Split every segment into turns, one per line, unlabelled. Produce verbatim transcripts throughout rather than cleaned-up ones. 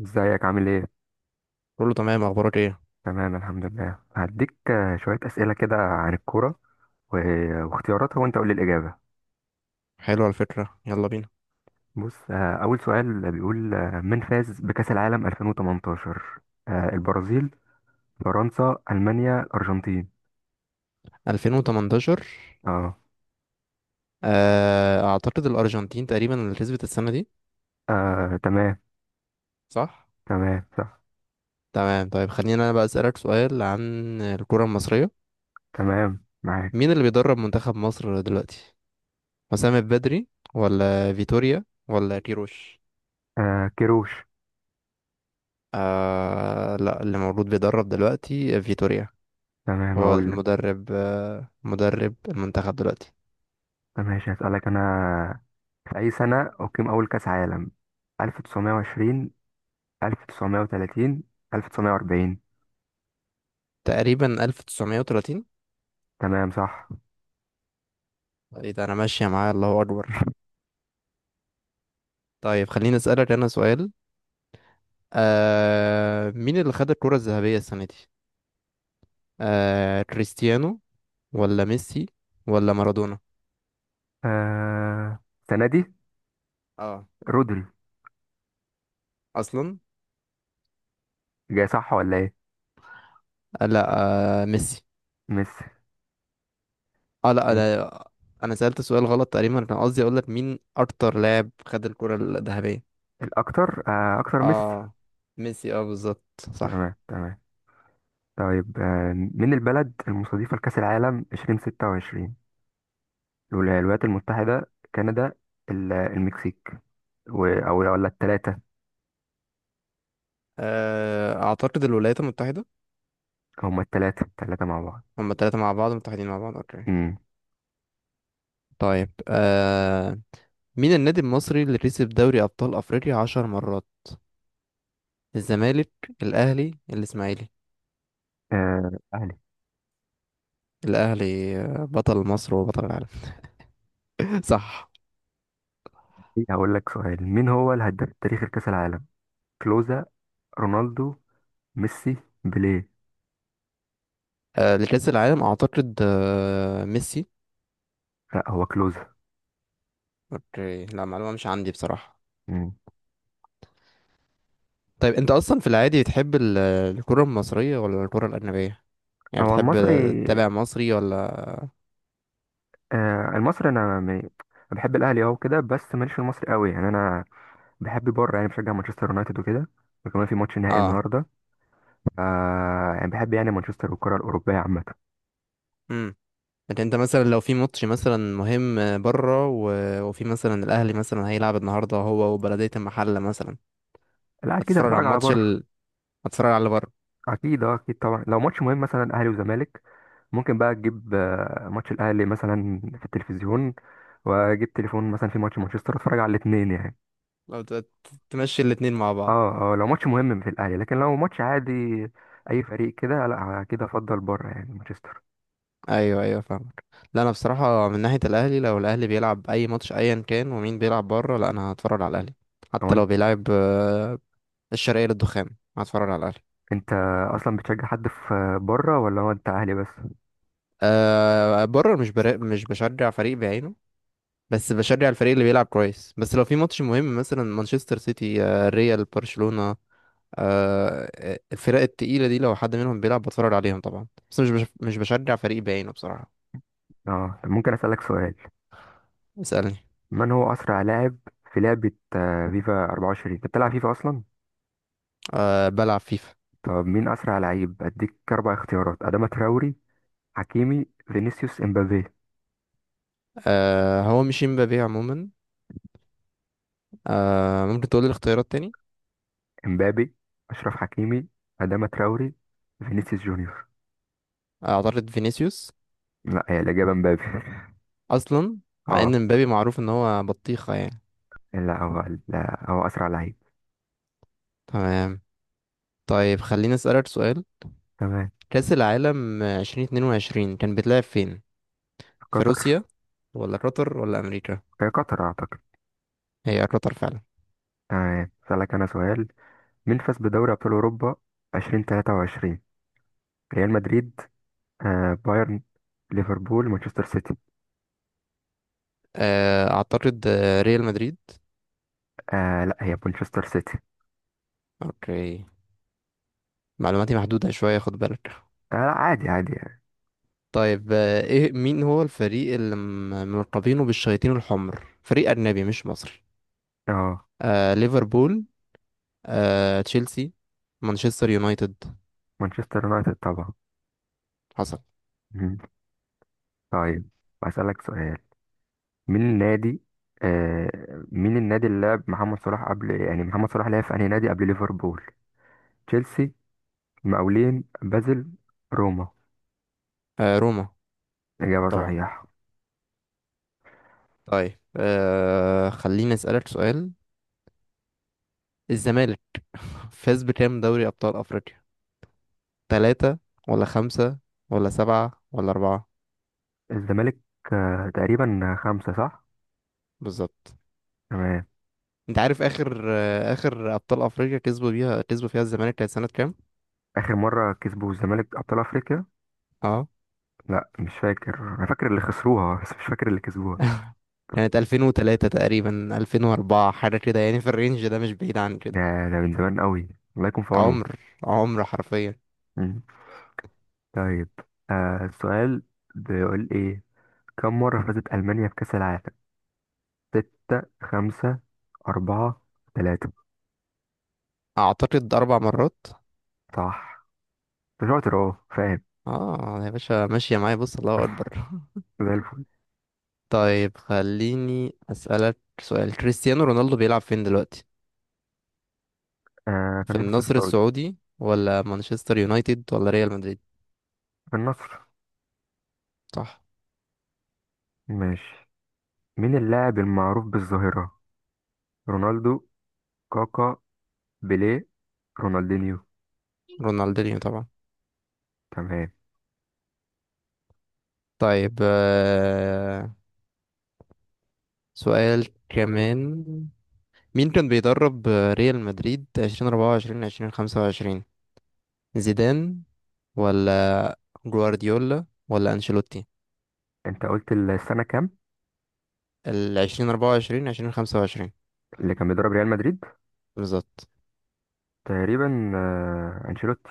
ازيك عامل ايه؟
كله تمام، اخبارك ايه؟
تمام الحمد لله هديك، آه، شوية أسئلة كده عن الكورة، و- واختياراتها، وانت قول لي الإجابة.
حلو، على فكرة يلا بينا.
بص، آه، أول سؤال بيقول، آه، من فاز بكأس العالم ألفين وتمنتاشر؟ آه، البرازيل، فرنسا، ألمانيا، الأرجنتين؟
ألفين وتمنتاشر؟
اه.
آه، اعتقد الارجنتين تقريبا اللي كسبت السنة دي.
آه، تمام.
صح.
تمام صح.
تمام، طيب خلينا، انا بقى اسالك سؤال عن الكرة المصرية.
تمام معاك.
مين اللي بيدرب منتخب مصر دلوقتي؟ حسام البدري ولا فيتوريا ولا كيروش؟
آه، كيروش.
آه لا، اللي موجود بيدرب دلوقتي فيتوريا.
تمام
هو
هقول لك.
المدرب، آه مدرب المنتخب دلوقتي.
ماشي هسألك أنا. في أي سنة أقيم أول كأس عالم؟ ألف وتسعمائة وعشرون؟ ألف وتسعمائة وثلاثون؟ ألف وتسعمية واربعين؟
تقريبا ألف وتسعمائة وثلاثين.
تمام صح.
ايه ده، انا ماشية معاه، الله اكبر. طيب خليني اسألك أنا سؤال. آه مين اللي خد الكرة الذهبية السنة دي؟ آه كريستيانو ولا ميسي ولا مارادونا؟
آه... السنة دي
اه.
رودري.
اصلا.
جاي صح ولا ايه؟
آه لا. آه ميسي.
ميسي.
اه لا،
ماشي.
انا. انا سألت سؤال غلط، تقريبا كان قصدي اقول لك مين اكتر لاعب خد الكرة الذهبية.
الأكتر آه... أكتر ميسي.
اه ميسي، اه بالظبط. صح.
تمام تمام. طيب، آه... من البلد المستضيفة لكأس العالم ألفين وستة وعشرين؟ الولا- الولايات المتحدة، كندا، ال- المكسيك، و... أو ولا التلاتة؟
آه اعتقد الولايات المتحدة.
هما التلاتة التلاتة مع بعض.
هما التلاتة مع بعض، متحدين مع بعض، اوكي.
امم.
طيب آه مين النادي المصري اللي كسب دوري ابطال افريقيا عشر مرات؟ الزمالك، الاهلي، الاسماعيلي؟
آه... أهلي.
الاهلي آه، بطل مصر وبطل العالم. صح.
هقول لك سؤال. مين هو الهداف التاريخي لكأس العالم؟ كلوزا؟ رونالدو؟ ميسي؟ بيليه؟
آه، لكأس العالم اعتقد آه، ميسي.
لا هو كلوزا.
اوكي، لا معلومة مش عندي بصراحة.
مم.
طيب انت اصلا في العادي بتحب ال- الكرة المصرية ولا الكرة الأجنبية؟ يعني
هو
بتحب
المصري.
تتابع مصري ولا؟
آه المصري، انا م- أنا بحب الاهلي، اه، وكده، بس ماليش في المصري قوي يعني، انا بحب بره، يعني بشجع مانشستر يونايتد وكده، وكمان في ماتش نهائي
اه.
النهارده. آه يعني بحب يعني مانشستر والكره الاوروبيه عامه.
امم. لكن انت مثلا لو في ماتش مثلا مهم بره و... وفي مثلا الاهلي مثلا هيلعب النهارده هو وبلدية المحلة مثلا،
لا اكيد
هتتفرج على
هتفرج على
الماتش
بره.
ال... هتتفرج على اللي بره.
اكيد، اه، اكيد طبعا. لو ماتش مهم مثلا اهلي وزمالك، ممكن بقى تجيب، آه، ماتش الاهلي مثلا في التلفزيون، واجيب تليفون مثلا في ماتش مانشستر، اتفرج على الاثنين يعني.
لو ت- ت- تمشي الاتنين مع بعض.
اه اه. لو ماتش مهم في الاهلي، لكن لو ماتش عادي اي فريق كده، لا كده افضل بره يعني مانشستر.
ايوه ايوه، فاهمك. لا انا بصراحه من ناحيه الاهلي، لو الاهلي بيلعب اي ماتش ايا كان ومين بيلعب بره، لا انا هتفرج على الاهلي.
هو
حتى لو بيلعب آه، الشرقيه للدخان، هتفرج على الاهلي.
انت اصلا بتشجع حد في بره، ولا هو انت اهلي بس؟
أه بره، مش برا... مش بشجع فريق بعينه. بس بشجع الفريق اللي بيلعب كويس، بس لو في ماتش مهم مثلا مانشستر سيتي، آه، ريال، برشلونه. أه الفرق التقيله دي لو حد منهم بيلعب بتفرج عليهم طبعا، بس مش بش... مش بشجع فريق بعينه بصراحه.
اه. طب ممكن اسالك سؤال؟
اسالني.
من هو اسرع لاعب في لعبه، آه، فيفا اربعة وعشرين؟ انت بتلعب فيفا اصلا؟
أه بلعب فيفا.
طب مين اسرع لعيب؟ اديك اربع اختيارات: اداما تراوري، حكيمي، فينيسيوس، امبابي؟
أه هو مش امبابي عموما. آه ممكن تقول لي الاختيارات تاني.
امبابي، اشرف حكيمي، اداما تراوري، فينيسيوس جونيور.
آه، اعترض فينيسيوس.
لا هي الاجابه امبابي.
اصلا. مع
اه.
ان مبابي معروف ان هو بطيخة يعني.
لا هو لا هو اسرع لعيب.
تمام. طيب خليني اسألك سؤال.
تمام.
كأس العالم ألفين واتنين وعشرين كان بيتلعب فين؟ في
قطر.
روسيا ولا قطر ولا امريكا؟
هي قطر اعتقد.
هي قطر فعلا.
تمام. اسالك انا سؤال. مين فاز بدوري أبطال أوروبا ألفين وتلاتة وعشرين، ريال مدريد؟ آه بايرن؟ ليفربول؟ مانشستر سيتي؟
آه اعترض، آه، ريال مدريد.
آه لا هي مانشستر سيتي.
اوكي، معلوماتي محدودة شوية، خد بالك.
آه لا، عادي عادي يعني.
طيب آه، ايه مين هو الفريق اللي م- ملقبينه بالشياطين الحمر، فريق اجنبي مش مصري؟
اه،
آه ليفربول، آه، تشيلسي، مانشستر يونايتد؟
مانشستر يونايتد طبعا.
حصل.
مم. طيب، بسألك سؤال. مين النادي آه مين النادي اللي لعب محمد صلاح قبل، يعني محمد صلاح لعب في أنهي نادي قبل ليفربول؟ تشيلسي؟ مقاولين بازل؟ روما؟
آه، روما.
إجابة
طبعا.
صحيحة.
طيب آه، خليني أسألك سؤال. الزمالك فاز بكام دوري أبطال أفريقيا؟ ثلاثة ولا خمسة ولا سبعة ولا أربعة؟
الزمالك، آه تقريبا خمسة صح؟
بالظبط.
تمام.
أنت عارف آخر آه، آخر أبطال أفريقيا كسبوا بيها، كسبوا فيها الزمالك، كانت سنة كام؟
اخر مره كسبوا الزمالك ابطال افريقيا.
اه.
لا مش فاكر، انا فاكر اللي خسروها بس مش فاكر اللي كسبوها.
كانت ألفين وثلاثة تقريبا، ألفين وأربعة حاجة كده يعني، في الرينج ده، مش بعيد عن
ده
كده.
ده من زمان قوي، الله يكون في عونهم.
عمر، عمر حرفيا.
مم. طيب، آه السؤال بيقول ايه؟ كم مره فازت المانيا بكاس العالم؟ ستة؟ خمسة؟ أربعة؟ ثلاثة؟
أعتقد أربع مرات.
صح، أنت شاطر، أهو فاهم،
اه يا باشا، ماشية معايا، بص الله اكبر.
زي الفل.
طيب خليني اسألك سؤال، كريستيانو رونالدو بيلعب فين دلوقتي؟
آه في
في
النصر
النصر
السعودي.
السعودي ولا مانشستر يونايتد ولا ريال مدريد؟
في النصر.
صح.
ماشي. مين اللاعب المعروف بالظاهرة؟ رونالدو؟ كاكا؟ بيليه؟ رونالدينيو؟
رونالدينيو طبعا.
تمام.
طيب آه، سؤال كمان. مين كان بيدرب آه، ريال مدريد ألفين وأربعة وعشرين ألفين وخمسة وعشرين؟ زيدان ولا جوارديولا ولا انشيلوتي؟
انت قلت السنة كام؟
ال ألفين وأربعة وعشرين ألفين وخمسة وعشرين.
اللي كان بيدرب ريال مدريد.
بالظبط.
تقريبا آه، أنشيلوتي.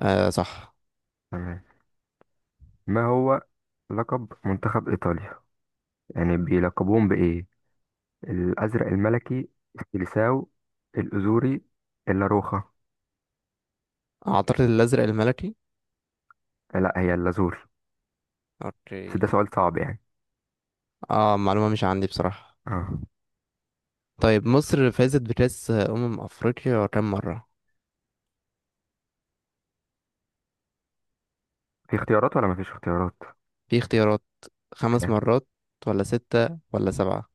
آه صح.
تمام. ما هو لقب منتخب إيطاليا؟ يعني بيلقبوهم بإيه؟ الأزرق الملكي؟ السيليساو؟ الأزوري؟ اللاروخا؟
أعتقد الأزرق الملكي.
لا هي اللازوري. بس
اوكي.
ده سؤال صعب يعني.
اه معلومة مش عندي بصراحة.
اه.
طيب مصر فازت بكأس أمم أفريقيا كام مرة؟
في اختيارات ولا مفيش اختيارات؟
في اختيارات، خمس
اوكي.
مرات ولا ستة ولا سبعة؟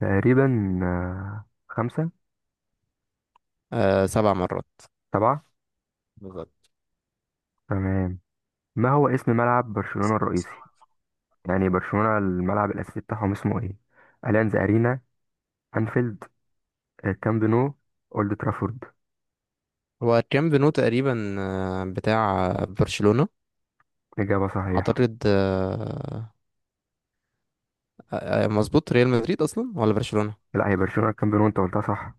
تقريبا آه، خمسة.
آه سبع مرات.
سبعة.
بالظبط.
تمام. ما هو اسم ملعب برشلونة الرئيسي؟ يعني برشلونة الملعب الأساسي بتاعهم اسمه ايه؟ أليانز أرينا؟ أنفيلد؟ آه، كامب نو؟ اولد ترافورد؟
هو كام بنو تقريبا، آه، بتاع برشلونة.
إجابة صحيحة.
أعتقد آه، آه، آه، مظبوط، ريال مدريد أصلا ولا برشلونة.
لا هي برشلونة الكامبيون، وأنت قلتها صح.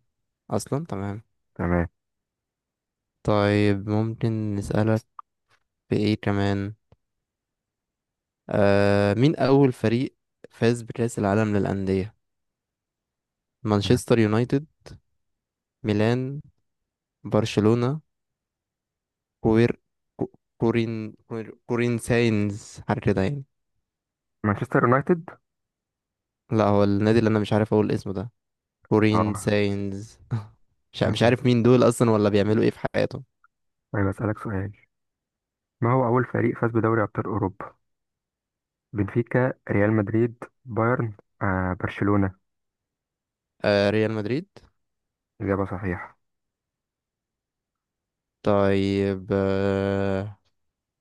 أصلا تمام.
تمام.
طيب ممكن نسألك بإيه كمان. آه، مين أول فريق فاز بكأس العالم للأندية؟ مانشستر يونايتد، ميلان، برشلونة، كوير كو- كورين كورين كورين ساينز، حاجة كده يعني.
مانشستر يونايتد.
لا هو النادي اللي أنا مش عارف أقول اسمه ده، كورين
اه.
ساينز. مش ع- مش
تمام.
عارف مين دول أصلا ولا بيعملوا إيه في حياتهم.
طيب أسألك سؤال. ما هو أول فريق فاز بدوري أبطال أوروبا؟ بنفيكا؟ ريال مدريد؟ بايرن؟ آه برشلونة؟
آه ريال مدريد.
إجابة صحيحة.
طيب آه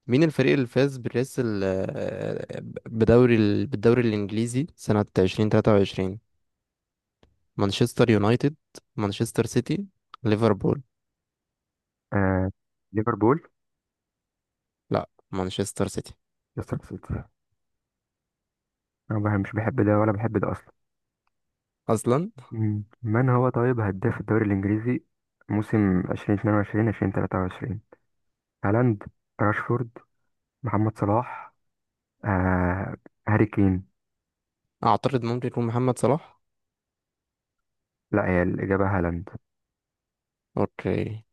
مين الفريق اللي فاز بريس ال- آه، بدوري ال- بالدوري الإنجليزي سنة ألفين وتلاتة وعشرين؟ مانشستر يونايتد، مانشستر سيتي، ليفربول؟
آه ليفربول.
لا، مانشستر سيتي.
ليستر سيتي. أنا بح- مش بحب ده ولا بحب ده أصلا.
اصلا.
مم. من هو طيب هداف الدوري الإنجليزي موسم ألفين واتنين وعشرين ألفين وثلاثة وعشرون؟ هالاند؟ راشفورد؟ محمد صلاح؟ آه هاري كين؟
اعترض، ممكن يكون محمد صلاح.
لا هي الإجابة هالاند.
اوكي.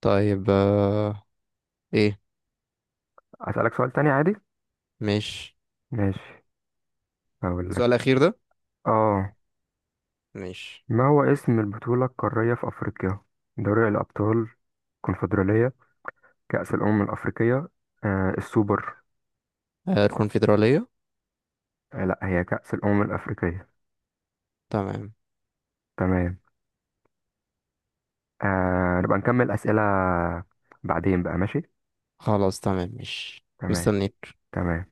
طيب آه... ايه؟
أسألك سؤال تاني عادي.
ماشي.
ماشي. هقول لك.
السؤال الاخير ده
اه.
ماشي.
ما هو اسم البطولة القارية في أفريقيا؟ دوري الأبطال؟ الكونفدرالية؟ كأس الأمم الأفريقية؟ آه السوبر؟
آه الكونفدرالية.
آه لا هي كأس الأمم الأفريقية.
تمام.
تمام. آه نبقى نكمل أسئلة بعدين بقى ماشي.
خلاص تمام، ماشي،
تمام
مستنيك.
تمام.